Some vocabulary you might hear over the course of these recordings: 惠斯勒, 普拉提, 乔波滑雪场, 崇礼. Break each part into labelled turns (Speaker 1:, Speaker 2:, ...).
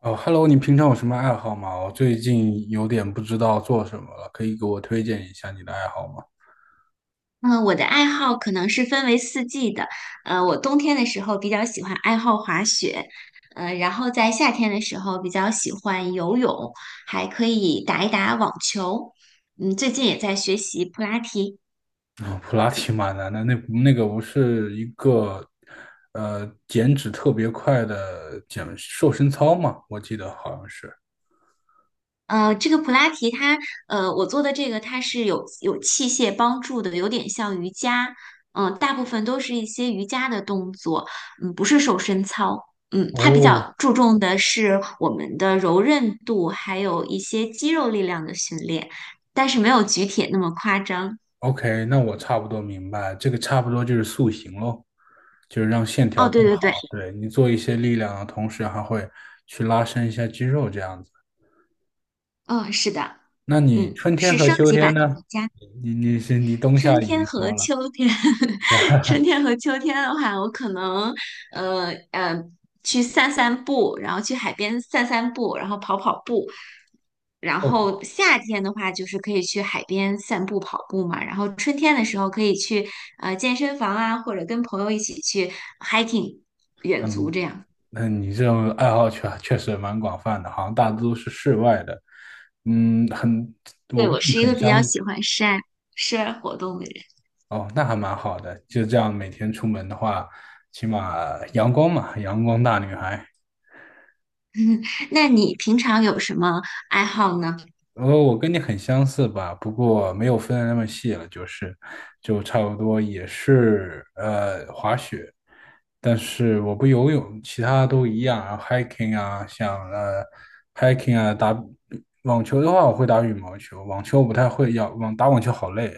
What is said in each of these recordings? Speaker 1: 哦，Hello，你平常有什么爱好吗？我最近有点不知道做什么了，可以给我推荐一下你的爱好吗？
Speaker 2: 嗯，我的爱好可能是分为四季的。我冬天的时候比较喜欢爱好滑雪。然后在夏天的时候比较喜欢游泳，还可以打一打网球。嗯，最近也在学习普拉提。
Speaker 1: 啊、普拉提蛮难的，那不是一个减脂特别快的瘦身操吗？我记得好像是。
Speaker 2: 这个普拉提它，我做的这个它是有器械帮助的，有点像瑜伽，嗯、大部分都是一些瑜伽的动作，嗯，不是瘦身操，嗯，它比
Speaker 1: 哦
Speaker 2: 较注重的是我们的柔韧度，还有一些肌肉力量的训练，但是没有举铁那么夸张。
Speaker 1: ，OK，那我差不多明白，这个差不多就是塑形喽，就是让线条
Speaker 2: 哦，
Speaker 1: 更
Speaker 2: 对对
Speaker 1: 好。
Speaker 2: 对，
Speaker 1: 对，你做一些力量的同时，还会去拉伸一下肌肉，这样子。
Speaker 2: 嗯，是的，
Speaker 1: 那你
Speaker 2: 嗯，
Speaker 1: 春天
Speaker 2: 是
Speaker 1: 和
Speaker 2: 升
Speaker 1: 秋
Speaker 2: 级
Speaker 1: 天
Speaker 2: 版的
Speaker 1: 呢？
Speaker 2: 瑜伽。
Speaker 1: 你冬
Speaker 2: 春
Speaker 1: 夏已
Speaker 2: 天
Speaker 1: 经
Speaker 2: 和
Speaker 1: 说了，
Speaker 2: 秋天，春 天和秋天的话，我可能呃呃去散散步，然后去海边散散步，然后跑跑步。然
Speaker 1: 哦，
Speaker 2: 后夏天的话，就是可以去海边散步、跑步嘛。然后春天的时候，可以去健身房啊，或者跟朋友一起去 hiking
Speaker 1: 那
Speaker 2: 远足
Speaker 1: 你
Speaker 2: 这样。
Speaker 1: 那你这种爱好确实蛮广泛的，好像大多都是室外的。很，我
Speaker 2: 对，
Speaker 1: 跟
Speaker 2: 我
Speaker 1: 你
Speaker 2: 是一
Speaker 1: 很
Speaker 2: 个比较
Speaker 1: 相，
Speaker 2: 喜欢活动的人。
Speaker 1: 哦，那还蛮好的。就这样每天出门的话，起码阳光嘛，阳光大女孩。
Speaker 2: 那你平常有什么爱好呢？
Speaker 1: 我跟你很相似吧，不过没有分的那么细了，就是，就差不多也是滑雪，但是我不游泳，其他都一样，然后 hiking 啊，像hiking 啊，网球的话我会打羽毛球，网球我不太会，要打网球好累，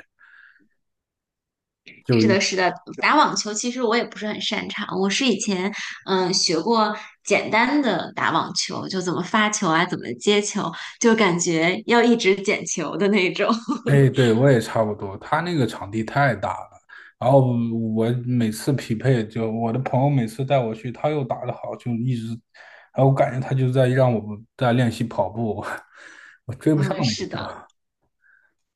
Speaker 2: 是的，是的，打网球其实我也不是很擅长，我是以前嗯学过简单的打网球，就怎么发球啊，怎么接球，就感觉要一直捡球的那种。
Speaker 1: 哎，对，我也差不多。他那个场地太大了，然后我每次匹配，就我的朋友每次带我去，他又打得好，就一直，然后我感觉他就在让我在练习跑步，我追不上
Speaker 2: 嗯，
Speaker 1: 那
Speaker 2: 是
Speaker 1: 个
Speaker 2: 的，
Speaker 1: 球。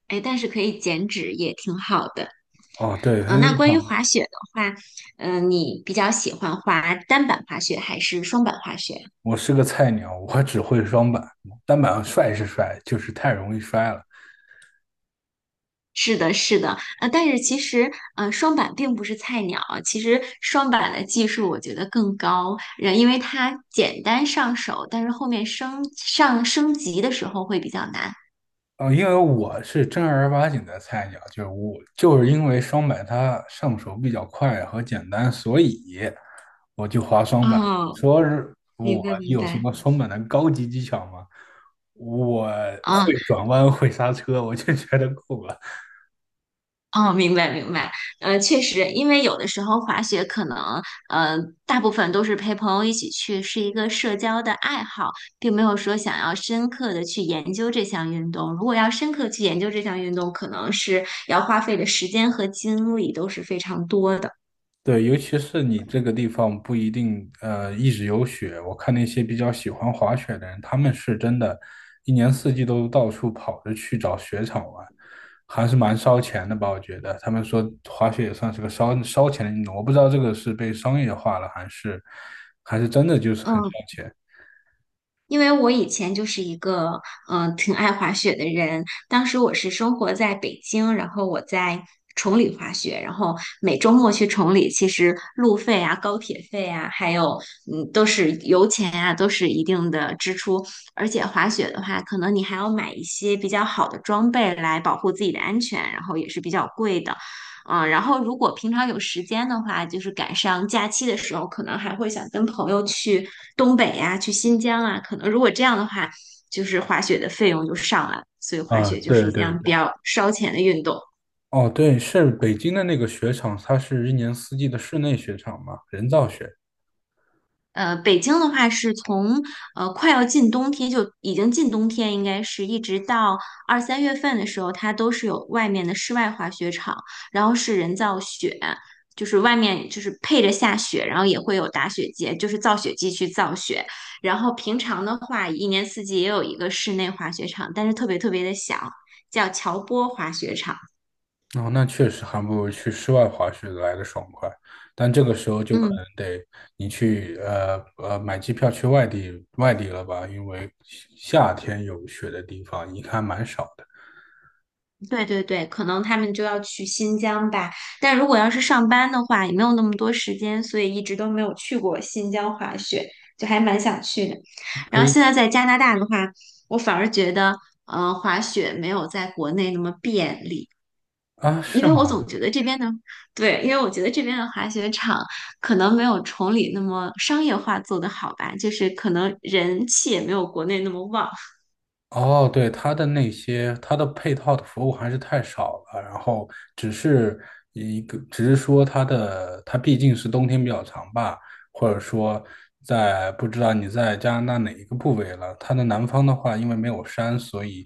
Speaker 2: 哎，但是可以减脂也挺好的。
Speaker 1: 哦，对，
Speaker 2: 嗯，
Speaker 1: 那
Speaker 2: 那
Speaker 1: 一
Speaker 2: 关于
Speaker 1: 场
Speaker 2: 滑雪的话，嗯，你比较喜欢滑单板滑雪还是双板滑雪？
Speaker 1: 我是个菜鸟，我只会双板，单板帅是帅，就是太容易摔了。
Speaker 2: 是的，是的，但是其实，双板并不是菜鸟。其实双板的技术我觉得更高，因为它简单上手，但是后面升级的时候会比较难。
Speaker 1: 因为我是正儿八经的菜鸟，就是我就是因为双板它上手比较快和简单，所以我就滑双板。
Speaker 2: 哦，
Speaker 1: 说是我
Speaker 2: 明白明
Speaker 1: 有什
Speaker 2: 白。
Speaker 1: 么双板的高级技巧吗？我
Speaker 2: 啊。
Speaker 1: 会转弯，会刹车，我就觉得够了。
Speaker 2: 哦，明白明白，确实，因为有的时候滑雪可能，呃，大部分都是陪朋友一起去，是一个社交的爱好，并没有说想要深刻的去研究这项运动。如果要深刻去研究这项运动，可能是要花费的时间和精力都是非常多的。
Speaker 1: 对，尤其是你这个地方不一定一直有雪，我看那些比较喜欢滑雪的人，他们是真的，一年四季都到处跑着去找雪场玩，还是蛮烧钱的吧？我觉得他们说滑雪也算是个烧钱的运动，我不知道这个是被商业化了，还是真的就是很烧
Speaker 2: 嗯，
Speaker 1: 钱。
Speaker 2: 因为我以前就是一个嗯、挺爱滑雪的人，当时我是生活在北京，然后我在崇礼滑雪，然后每周末去崇礼，其实路费啊、高铁费啊，还有嗯都是油钱啊，都是一定的支出。而且滑雪的话，可能你还要买一些比较好的装备来保护自己的安全，然后也是比较贵的。啊，然后如果平常有时间的话，就是赶上假期的时候，可能还会想跟朋友去东北呀、去新疆啊。可能如果这样的话，就是滑雪的费用就上来了，所以滑
Speaker 1: 啊，
Speaker 2: 雪就是
Speaker 1: 对
Speaker 2: 一
Speaker 1: 对
Speaker 2: 项比
Speaker 1: 对，
Speaker 2: 较烧钱的运动。
Speaker 1: 哦，对，是北京的那个雪场，它是一年四季的室内雪场嘛，人造雪。
Speaker 2: 北京的话是从快要进冬天，就已经进冬天，应该是一直到二三月份的时候，它都是有外面的室外滑雪场，然后是人造雪，就是外面就是配着下雪，然后也会有打雪节，就是造雪机去造雪。然后平常的话，一年四季也有一个室内滑雪场，但是特别特别的小，叫乔波滑雪场。
Speaker 1: 哦，那确实还不如去室外滑雪来的爽快，但这个时候就可
Speaker 2: 嗯。
Speaker 1: 能得你去买机票去外地了吧，因为夏天有雪的地方应看蛮少的。
Speaker 2: 对对对，可能他们就要去新疆吧。但如果要是上班的话，也没有那么多时间，所以一直都没有去过新疆滑雪，就还蛮想去的。
Speaker 1: 可
Speaker 2: 然后
Speaker 1: 以
Speaker 2: 现在在加拿大的话，我反而觉得，滑雪没有在国内那么便利，
Speaker 1: 啊，
Speaker 2: 因
Speaker 1: 是
Speaker 2: 为我
Speaker 1: 吗？
Speaker 2: 总觉得这边的，对，因为我觉得这边的滑雪场可能没有崇礼那么商业化做得好吧，就是可能人气也没有国内那么旺。
Speaker 1: 哦，对，它的配套的服务还是太少了，然后只是只是说它毕竟是冬天比较长吧，或者说不知道你在加拿大哪一个部位了，它的南方的话，因为没有山，所以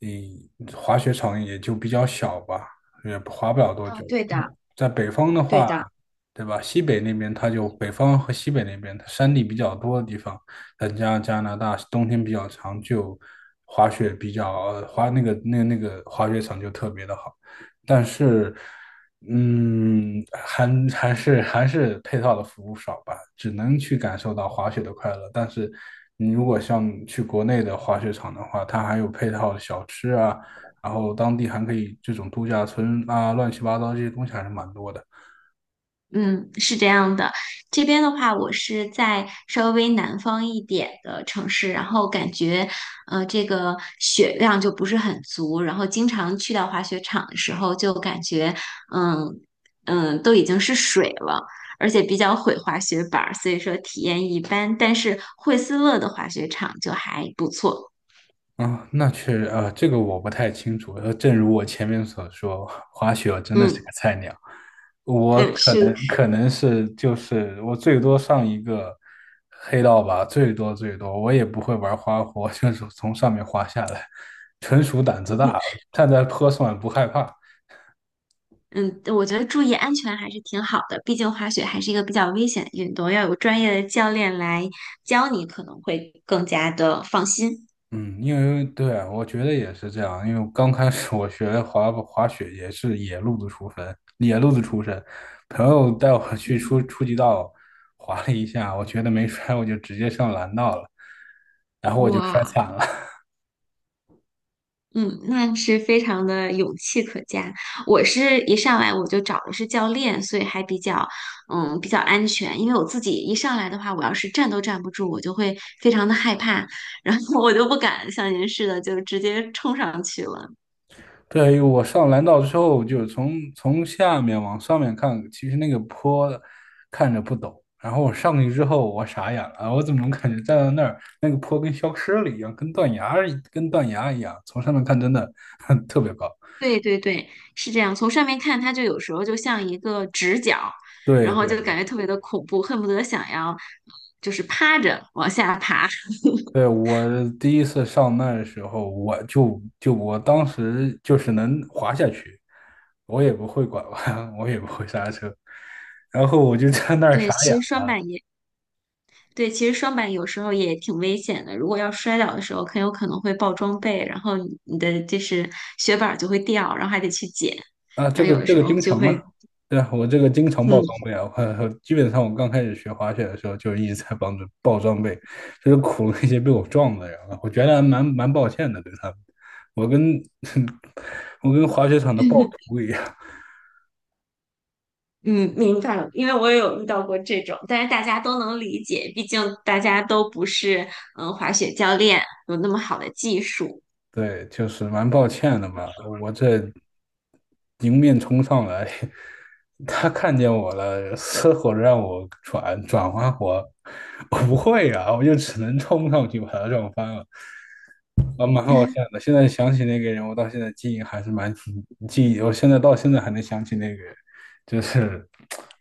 Speaker 1: 嗯，滑雪场也就比较小吧，也滑不了多久。
Speaker 2: 嗯，对的，
Speaker 1: 在北方的
Speaker 2: 对
Speaker 1: 话，
Speaker 2: 的。
Speaker 1: 对吧？西北那边它就北方和西北那边，它山地比较多的地方，再加加拿大冬天比较长，就滑雪比较呃滑那个那个那个滑雪场就特别的好。但是，嗯，还还是配套的服务少吧，只能去感受到滑雪的快乐。但是，你如果像去国内的滑雪场的话，它还有配套的小吃啊。然后当地还可以这种度假村啊，乱七八糟这些东西还是蛮多的。
Speaker 2: 嗯，是这样的。这边的话，我是在稍微南方一点的城市，然后感觉，这个雪量就不是很足，然后经常去到滑雪场的时候，就感觉，嗯都已经是水了，而且比较毁滑雪板儿，所以说体验一般。但是惠斯勒的滑雪场就还不错。
Speaker 1: 啊，那确实，这个我不太清楚。正如我前面所说，滑雪我真的是
Speaker 2: 嗯
Speaker 1: 个菜鸟。我
Speaker 2: 嗯，是，
Speaker 1: 可能是就是我最多上一个黑道吧，最多最多，我也不会玩花活，就是从上面滑下来，纯属胆子大，站在坡上也不害怕。
Speaker 2: 嗯，我觉得注意安全还是挺好的，毕竟滑雪还是一个比较危险的运动，要有专业的教练来教你，可能会更加的放心。
Speaker 1: 嗯，因为对，我觉得也是这样。因为刚开始我学滑雪也是野路子出身，野路子出身。朋友带我 去
Speaker 2: 嗯
Speaker 1: 初级道滑了一下，我觉得没摔，我就直接上蓝道了，然后我就摔
Speaker 2: 哇，
Speaker 1: 惨了。
Speaker 2: 嗯，那是非常的勇气可嘉。我是一上来我就找的是教练，所以还比较，嗯，比较安全。因为我自己一上来的话，我要是站都站不住，我就会非常的害怕，然后我就不敢像您似的就直接冲上去了。
Speaker 1: 对，我上蓝道之后，就是从下面往上面看，其实那个坡看着不陡。然后我上去之后，我傻眼了，我怎么能感觉站在那儿，那个坡跟消失了一样，跟断崖一样，从上面看真的 特别高。
Speaker 2: 对对对，是这样。从上面看，它就有时候就像一个直角，
Speaker 1: 对
Speaker 2: 然后
Speaker 1: 对
Speaker 2: 就感觉特别的恐怖，恨不得想要就是趴着往下爬。
Speaker 1: 对，我第一次上那儿的时候，我当时就是能滑下去，我也不会拐弯，我也不会刹车，然后我就在那儿
Speaker 2: 对，
Speaker 1: 傻眼。
Speaker 2: 其实双板也对，其实双板有时候也挺危险的。如果要摔倒的时候，很有可能会爆装备，然后你的就是雪板儿就会掉，然后还得去捡，
Speaker 1: 啊，
Speaker 2: 然后有的
Speaker 1: 这
Speaker 2: 时
Speaker 1: 个
Speaker 2: 候
Speaker 1: 经
Speaker 2: 就
Speaker 1: 常啊，
Speaker 2: 会
Speaker 1: 对啊，我这个经常爆
Speaker 2: 嗯。
Speaker 1: 装备啊，我基本上我刚开始学滑雪的时候就一直在帮着爆装备，就是苦那些被我撞的人啊，我觉得还蛮抱歉的对他们，我跟 我跟滑雪场的暴 徒一样，
Speaker 2: 嗯，明白了，因为我也有遇到过这种，但是大家都能理解，毕竟大家都不是嗯滑雪教练，有那么好的技术。
Speaker 1: 对，就是蛮抱歉的嘛，我这迎面冲上来，他看见我了，嘶吼着让我转转滑活，我不会啊，我就只能冲上去把他撞翻了。啊，蛮好笑 的。现在想起那个人，我到现在记忆还是蛮记忆，我现在到现在还能想起那个人，就是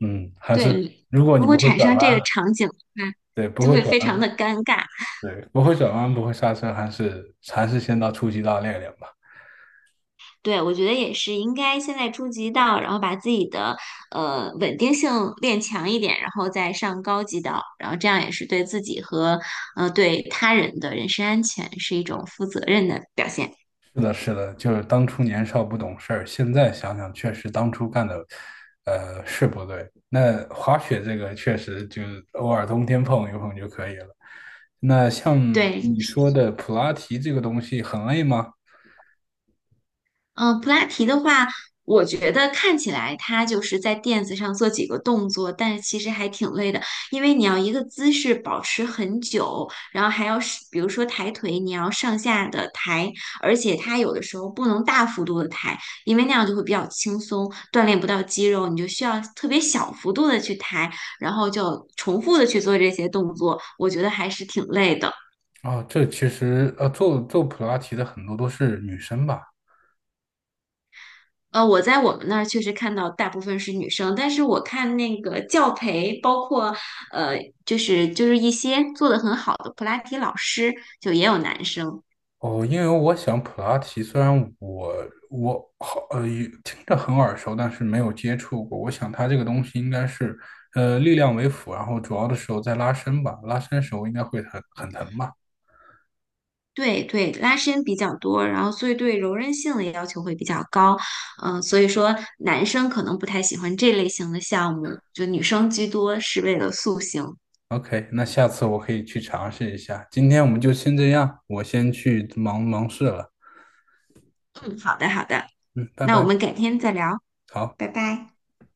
Speaker 1: 还是
Speaker 2: 对，
Speaker 1: 如果
Speaker 2: 如
Speaker 1: 你
Speaker 2: 果
Speaker 1: 不会
Speaker 2: 产
Speaker 1: 转
Speaker 2: 生这
Speaker 1: 弯，
Speaker 2: 个场景的话，
Speaker 1: 对，不
Speaker 2: 就
Speaker 1: 会
Speaker 2: 会
Speaker 1: 转
Speaker 2: 非常
Speaker 1: 弯，
Speaker 2: 的尴尬。
Speaker 1: 对，不会转弯，不会刹车，还是先到初级道练练吧。
Speaker 2: 对，我觉得也是应该现在初级道，然后把自己的稳定性练强一点，然后再上高级道，然后这样也是对自己和对他人的人身安全是一种负责任的表现。
Speaker 1: 是的，是的，就是当初年少不懂事儿，现在想想确实当初干的，是不对。那滑雪这个确实就是偶尔冬天碰一碰就可以了。那像
Speaker 2: 对，
Speaker 1: 你说的普拉提这个东西很累吗？
Speaker 2: 嗯，普拉提的话，我觉得看起来它就是在垫子上做几个动作，但是其实还挺累的，因为你要一个姿势保持很久，然后还要是比如说抬腿，你要上下的抬，而且它有的时候不能大幅度的抬，因为那样就会比较轻松，锻炼不到肌肉，你就需要特别小幅度的去抬，然后就重复的去做这些动作，我觉得还是挺累的。
Speaker 1: 啊，这其实做做普拉提的很多都是女生吧？
Speaker 2: 我在我们那儿确实看到大部分是女生，但是我看那个教培，包括呃，就是一些做的很好的普拉提老师，就也有男生。
Speaker 1: 哦，因为我想普拉提虽然我好也听着很耳熟，但是没有接触过。我想它这个东西应该是力量为辅，然后主要的时候在拉伸吧，拉伸时候应该会很疼吧
Speaker 2: 对对，拉伸比较多，然后所以对柔韧性的要求会比较高。嗯、所以说男生可能不太喜欢这类型的项目，就女生居多是为了塑形。
Speaker 1: ？OK，那下次我可以去尝试一下。今天我们就先这样，我先去忙忙事了。
Speaker 2: 嗯，好的好的，
Speaker 1: 嗯，拜
Speaker 2: 那我
Speaker 1: 拜，
Speaker 2: 们改天再聊，
Speaker 1: 好。
Speaker 2: 拜拜。